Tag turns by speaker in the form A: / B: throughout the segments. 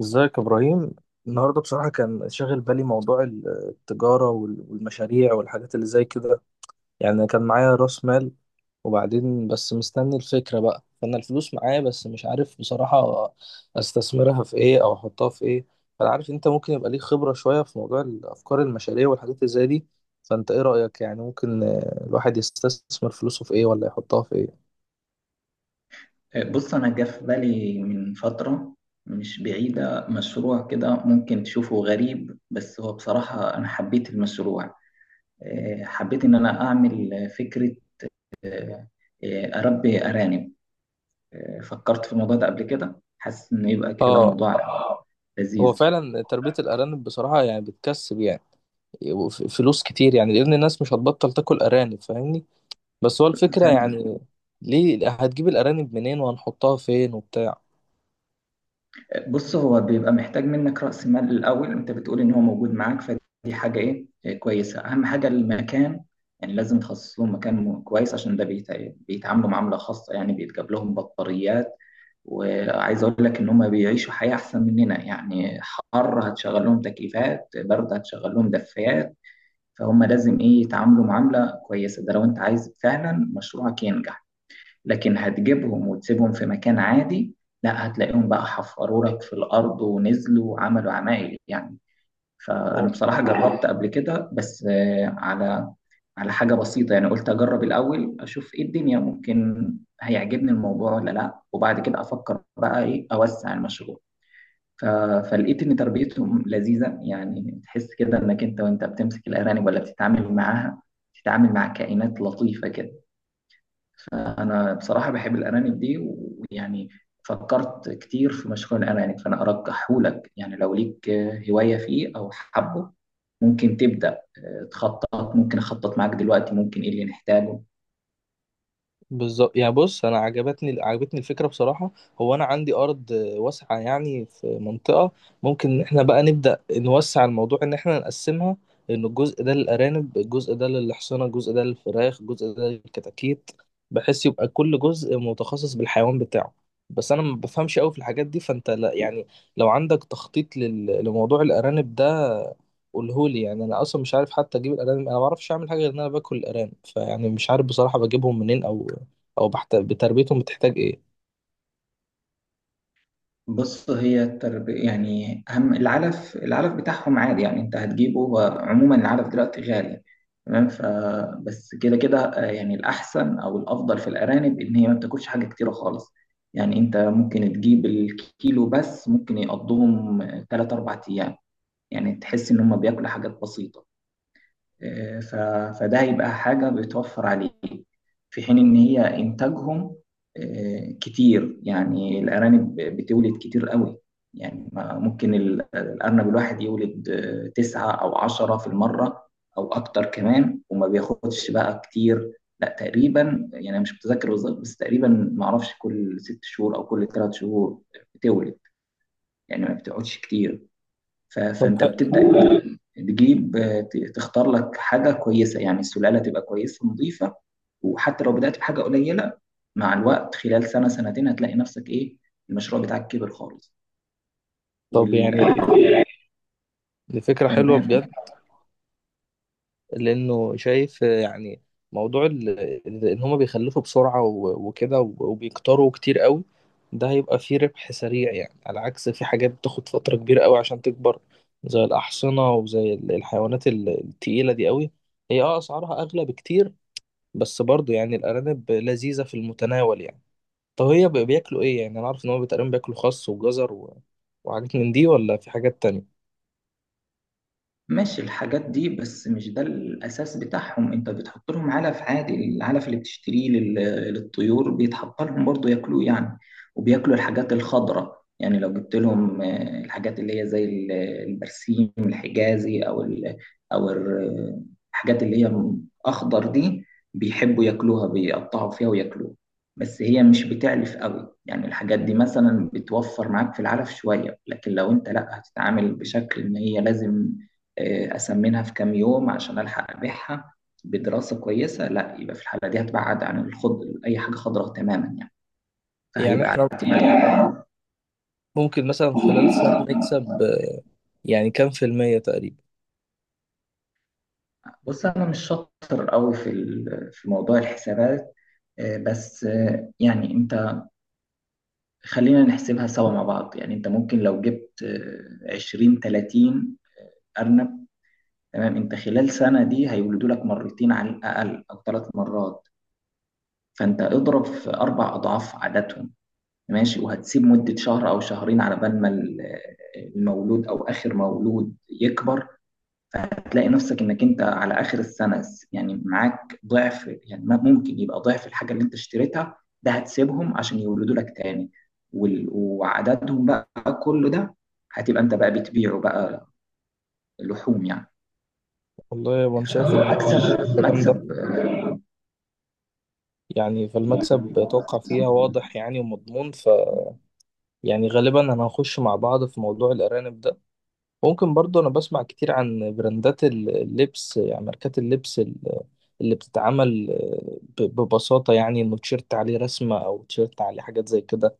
A: ازيك يا ابراهيم. النهارده بصراحه كان شاغل بالي موضوع التجاره والمشاريع والحاجات اللي زي كده. يعني كان معايا راس مال، وبعدين بس مستني الفكره بقى، فانا الفلوس معايا، بس مش عارف بصراحه استثمرها في ايه او احطها في ايه. فانا عارف انت ممكن يبقى ليك خبره شويه في موضوع الافكار، المشاريع والحاجات اللي زي دي. فانت ايه رايك؟ يعني ممكن الواحد يستثمر فلوسه في ايه ولا يحطها في ايه؟
B: بص، أنا جه في بالي من فترة مش بعيدة مشروع كده ممكن تشوفه غريب، بس هو بصراحة أنا حبيت المشروع. حبيت إن أنا أعمل فكرة. آه، أربي أرانب. فكرت في الموضوع ده قبل كده، حاسس إنه يبقى كده
A: اه.
B: موضوع
A: هو
B: لذيذ.
A: فعلا تربيه الارانب بصراحه يعني بتكسب، يعني فلوس كتير، يعني لان الناس مش هتبطل تاكل ارانب، فاهمني؟ بس هو الفكره يعني ليه؟ هتجيب الارانب منين، وهنحطها فين وبتاع؟
B: بص، هو بيبقى محتاج منك رأس مال الأول، وأنت بتقول إن هو موجود معاك، فدي حاجة إيه إيه كويسة. أهم حاجة المكان، يعني لازم تخصص لهم مكان كويس، عشان ده بيتعاملوا معاملة خاصة. يعني بيتجاب لهم بطاريات، وعايز أقول لك إن هم بيعيشوا حياة أحسن مننا. يعني حر هتشغل لهم تكييفات، برد هتشغل لهم دفايات. فهم لازم إيه يتعاملوا معاملة كويسة، ده لو أنت عايز فعلا مشروعك ينجح. لكن هتجيبهم وتسيبهم في مكان عادي، لا هتلاقيهم بقى حفروا لك في الأرض ونزلوا وعملوا عمايل يعني. فأنا بصراحة جربت قبل كده بس على على حاجة بسيطة، يعني قلت أجرب الأول أشوف إيه الدنيا، ممكن هيعجبني الموضوع ولا لأ، وبعد كده أفكر بقى إيه أوسع المشروع. ف... فلقيت إن تربيتهم لذيذة، يعني تحس كده إنك أنت وأنت بتمسك الأرانب ولا بتتعامل معاها، بتتعامل مع كائنات لطيفة كده. فأنا بصراحة بحب الأرانب دي، ويعني فكرت كتير في مشروع الأرانب. فأنا أرجحهولك، يعني لو ليك هواية فيه أو حبه، ممكن تبدأ تخطط. ممكن أخطط معاك دلوقتي ممكن إيه اللي نحتاجه.
A: بالظبط. يعني بص، انا عجبتني الفكره بصراحه. هو انا عندي ارض واسعه يعني، في منطقه. ممكن ان احنا بقى نبدا نوسع الموضوع، ان احنا نقسمها: ان الجزء ده للارانب، الجزء ده للحصنه، الجزء ده للفراخ، الجزء ده للكتاكيت، بحيث يبقى كل جزء متخصص بالحيوان بتاعه. بس انا ما بفهمش قوي في الحاجات دي، فانت، لا يعني، لو عندك تخطيط لموضوع الارانب ده قولهولي. يعني انا اصلا مش عارف حتى اجيب الارانب، انا ما بعرفش اعمل حاجه غير ان انا باكل الارانب، فيعني مش عارف بصراحه بجيبهم منين او بتربيتهم بتحتاج ايه.
B: بص، هي التربية يعني أهم العلف. العلف بتاعهم عادي، يعني أنت هتجيبه. هو عموما العلف دلوقتي غالي، تمام؟ ف بس كده كده يعني الأحسن أو الأفضل في الأرانب إن هي ما بتاكلش حاجة كتيرة خالص. يعني أنت ممكن تجيب الكيلو بس ممكن يقضوهم تلات أربع أيام. يعني تحس إن هم بياكلوا حاجات بسيطة. ف- فده هيبقى حاجة بتوفر عليك، في حين إن هي إنتاجهم كتير. يعني الأرانب بتولد كتير قوي، يعني ممكن الأرنب الواحد يولد تسعة أو عشرة في المرة أو أكتر كمان. وما بياخدش بقى كتير، لا تقريبا، يعني أنا مش متذكر بالظبط بس تقريبا معرفش كل ست شهور أو كل ثلاث شهور بتولد. يعني ما بتقعدش كتير.
A: طب
B: فانت
A: ح...
B: بتبدا تجيب تختار لك حاجه كويسه، يعني السلاله تبقى كويسه نظيفه. وحتى لو بدات بحاجه قليله، مع الوقت خلال سنه سنتين هتلاقي نفسك ايه، المشروع بتاعك كبر خالص.
A: طب
B: وال
A: يعني، دي فكرة حلوة
B: تمام،
A: بجد. لانه شايف، يعني موضوع، ان هما بيخلفوا بسرعة وكده وبيكتروا كتير قوي. ده هيبقى فيه ربح سريع، يعني على عكس في حاجات بتاخد فترة كبيرة قوي عشان تكبر، زي الأحصنة وزي الحيوانات التقيلة دي قوي، هي اسعارها اغلى بكتير. بس برضه يعني الارانب لذيذة في المتناول يعني. طب هي بياكلوا ايه؟ يعني انا عارف ان هم تقريبا بياكلوا خس وجزر وحاجات من دي، ولا في حاجات تانية؟
B: ماشي. الحاجات دي بس مش ده الأساس بتاعهم. أنت بتحط لهم علف عادي، العلف اللي بتشتريه للطيور بيتحط لهم برضه، ياكلوه يعني. وبياكلوا الحاجات الخضراء، يعني لو جبت لهم الحاجات اللي هي زي البرسيم الحجازي، أو ال، أو الحاجات اللي هي أخضر دي، بيحبوا ياكلوها، بيقطعوا فيها وياكلوها. بس هي مش بتعلف قوي، يعني الحاجات دي مثلا بتوفر معاك في العلف شوية. لكن لو انت لا هتتعامل بشكل ان هي لازم أسمنها في كام يوم عشان ألحق أبيعها بدراسة كويسة، لا يبقى في الحالة دي هتبعد عن الخضر، أي حاجة خضراء تماما يعني،
A: يعني
B: فهيبقى
A: احنا
B: اعتماد.
A: ممكن مثلا خلال سنة نكسب يعني كام في المية تقريبا؟
B: بص، أنا مش شاطر قوي في في موضوع الحسابات، بس يعني أنت خلينا نحسبها سوا مع بعض. يعني أنت ممكن لو جبت 20 30 أرنب، تمام؟ أنت خلال سنة دي هيولدوا لك مرتين على الأقل أو ثلاث مرات، فأنت اضرب في أربع أضعاف عددهم، ماشي. وهتسيب مدة شهر أو شهرين على بال ما المولود أو آخر مولود يكبر، فهتلاقي نفسك إنك أنت على آخر السنة يعني معاك ضعف. يعني ممكن يبقى ضعف الحاجة اللي أنت اشتريتها. ده هتسيبهم عشان يولدوا لك تاني، وعددهم بقى كله ده هتبقى أنت بقى بتبيعه بقى لحوم يعني،
A: والله انا شايف ان دي
B: فمكسب
A: حاجة جامدة،
B: مكسب
A: يعني فالمكسب
B: مكسب.
A: اتوقع فيها واضح يعني ومضمون، يعني غالبا انا هخش مع بعض في موضوع الارانب ده. ممكن برضه، انا بسمع كتير عن براندات اللبس، يعني ماركات اللبس اللي بتتعمل ببساطة، يعني انه تيشيرت عليه رسمة، او تيشيرت عليه حاجات زي كده.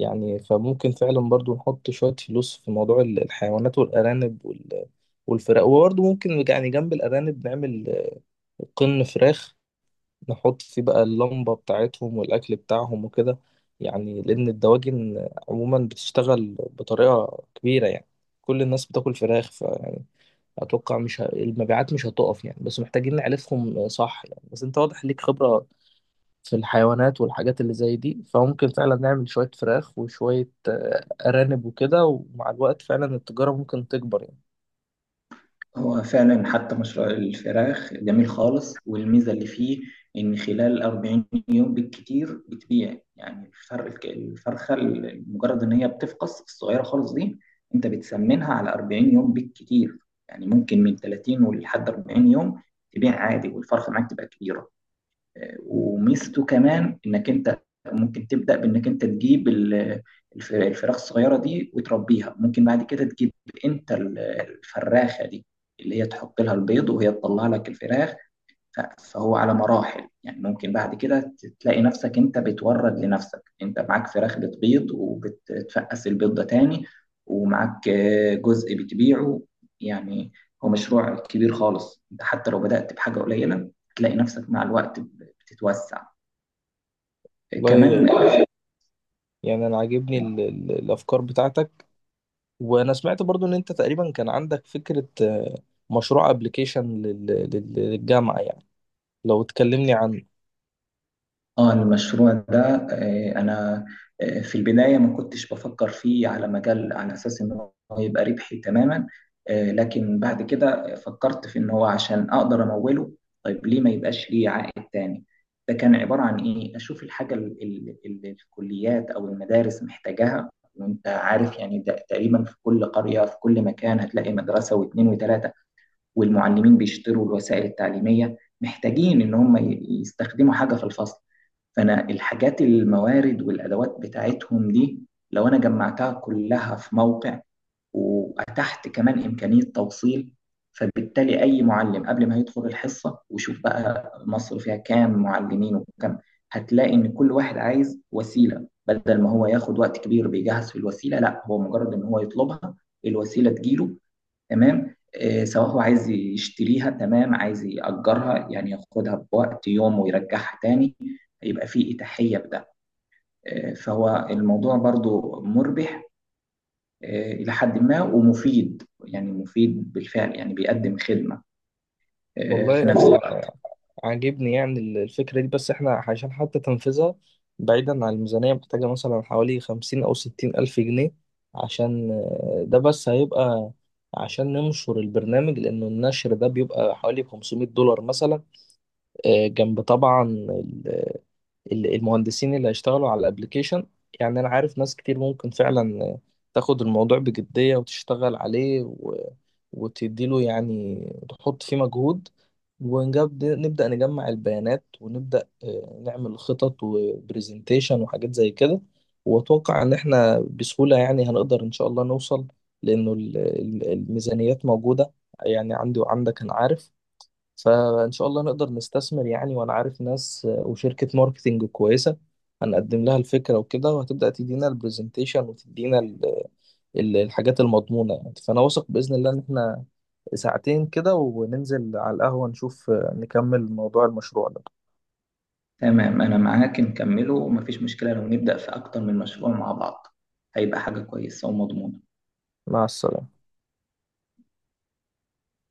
A: يعني فممكن فعلا برضو نحط شوية فلوس في موضوع الحيوانات والأرانب والفراخ. وبرضو ممكن، يعني جنب الأرانب نعمل قرن فراخ، نحط فيه بقى اللمبة بتاعتهم والأكل بتاعهم وكده. يعني لأن الدواجن عموما بتشتغل بطريقة كبيرة، يعني كل الناس بتاكل فراخ، فيعني أتوقع مش المبيعات مش هتقف يعني، بس محتاجين نعرفهم صح. يعني بس أنت واضح ليك خبرة في الحيوانات والحاجات اللي زي دي، فممكن فعلا نعمل شوية فراخ وشوية أرانب وكده، ومع الوقت فعلا التجارة ممكن تكبر يعني.
B: هو فعلا حتى مشروع الفراخ جميل خالص، والميزة اللي فيه إن خلال 40 يوم بالكتير بتبيع يعني الفرخ الفرخة، مجرد إن هي بتفقس الصغيرة خالص دي أنت بتسمنها على 40 يوم بالكتير. يعني ممكن من 30 ولحد 40 يوم تبيع عادي والفرخة معاك تبقى كبيرة. وميزته كمان انك انت ممكن تبدا بانك انت تجيب الفراخ الصغيره دي وتربيها. ممكن بعد كده تجيب انت الفراخه دي اللي هي تحط لها البيض وهي تطلع لك الفراخ. فهو على مراحل، يعني ممكن بعد كده تلاقي نفسك انت بتورد لنفسك، انت معاك فراخ بتبيض وبتفقس البيض ده تاني، ومعاك جزء بتبيعه يعني. هو مشروع كبير خالص، انت حتى لو بدأت بحاجة قليلة تلاقي نفسك مع الوقت بتتوسع
A: والله،
B: كمان.
A: يعني أنا عاجبني الأفكار بتاعتك. وأنا سمعت برضو إن أنت تقريبا كان عندك فكرة مشروع أبليكيشن للجامعة، يعني لو تكلمني عنه.
B: اه، المشروع ده انا في البدايه ما كنتش بفكر فيه على مجال، على اساس ان هو يبقى ربحي تماما. لكن بعد كده فكرت في ان هو عشان اقدر اموله، طيب ليه ما يبقاش ليه عائد تاني. ده كان عباره عن ايه، اشوف الحاجه اللي الكليات او المدارس محتاجاها. وانت عارف يعني، ده تقريبا في كل قريه في كل مكان هتلاقي مدرسه واثنين وثلاثه، والمعلمين بيشتروا الوسائل التعليمية، محتاجين إن هم يستخدموا حاجة في الفصل. فأنا الحاجات الموارد والأدوات بتاعتهم دي، لو أنا جمعتها كلها في موقع وأتحت كمان إمكانية توصيل، فبالتالي أي معلم قبل ما يدخل الحصة، وشوف بقى مصر فيها كام معلمين وكم، هتلاقي إن كل واحد عايز وسيلة. بدل ما هو ياخد وقت كبير بيجهز في الوسيلة، لا هو مجرد إن هو يطلبها الوسيلة تجيله، تمام؟ سواء هو عايز يشتريها تمام، عايز يأجرها يعني ياخدها بوقت يوم ويرجعها تاني، يبقى في إتاحية بده. فهو الموضوع برضو مربح إلى حد ما، ومفيد يعني مفيد بالفعل، يعني بيقدم خدمة في
A: والله
B: نفس الوقت.
A: عاجبني يعني الفكرة دي، بس احنا عشان حتى تنفذها بعيدا عن الميزانية محتاجة مثلا حوالي 50 أو 60 ألف جنيه. عشان، ده بس هيبقى عشان ننشر البرنامج، لأنه النشر ده بيبقى حوالي 500 دولار مثلا، جنب طبعا المهندسين اللي هيشتغلوا على الابليكيشن. يعني انا عارف ناس كتير ممكن فعلا تاخد الموضوع بجدية وتشتغل عليه وتديله، يعني تحط فيه مجهود. نبدأ نجمع البيانات، ونبدأ نعمل خطط وبرزنتيشن وحاجات زي كده. وأتوقع إن إحنا بسهولة يعني هنقدر إن شاء الله نوصل، لأنه الميزانيات موجودة يعني، عندي وعندك أنا عارف. فإن شاء الله نقدر نستثمر يعني، وأنا عارف ناس، وشركة ماركتينج كويسة هنقدم لها الفكرة وكده، وهتبدأ تدينا البرزنتيشن وتدينا الحاجات المضمونة يعني. فأنا واثق بإذن الله إن إحنا ساعتين كده وننزل على القهوة نشوف، نكمل موضوع المشروع ده.
B: تمام، أنا معاك نكمله، ومفيش مشكلة لو نبدأ في أكتر من مشروع مع بعض، هيبقى حاجة كويسة ومضمونة.
A: مع السلامة.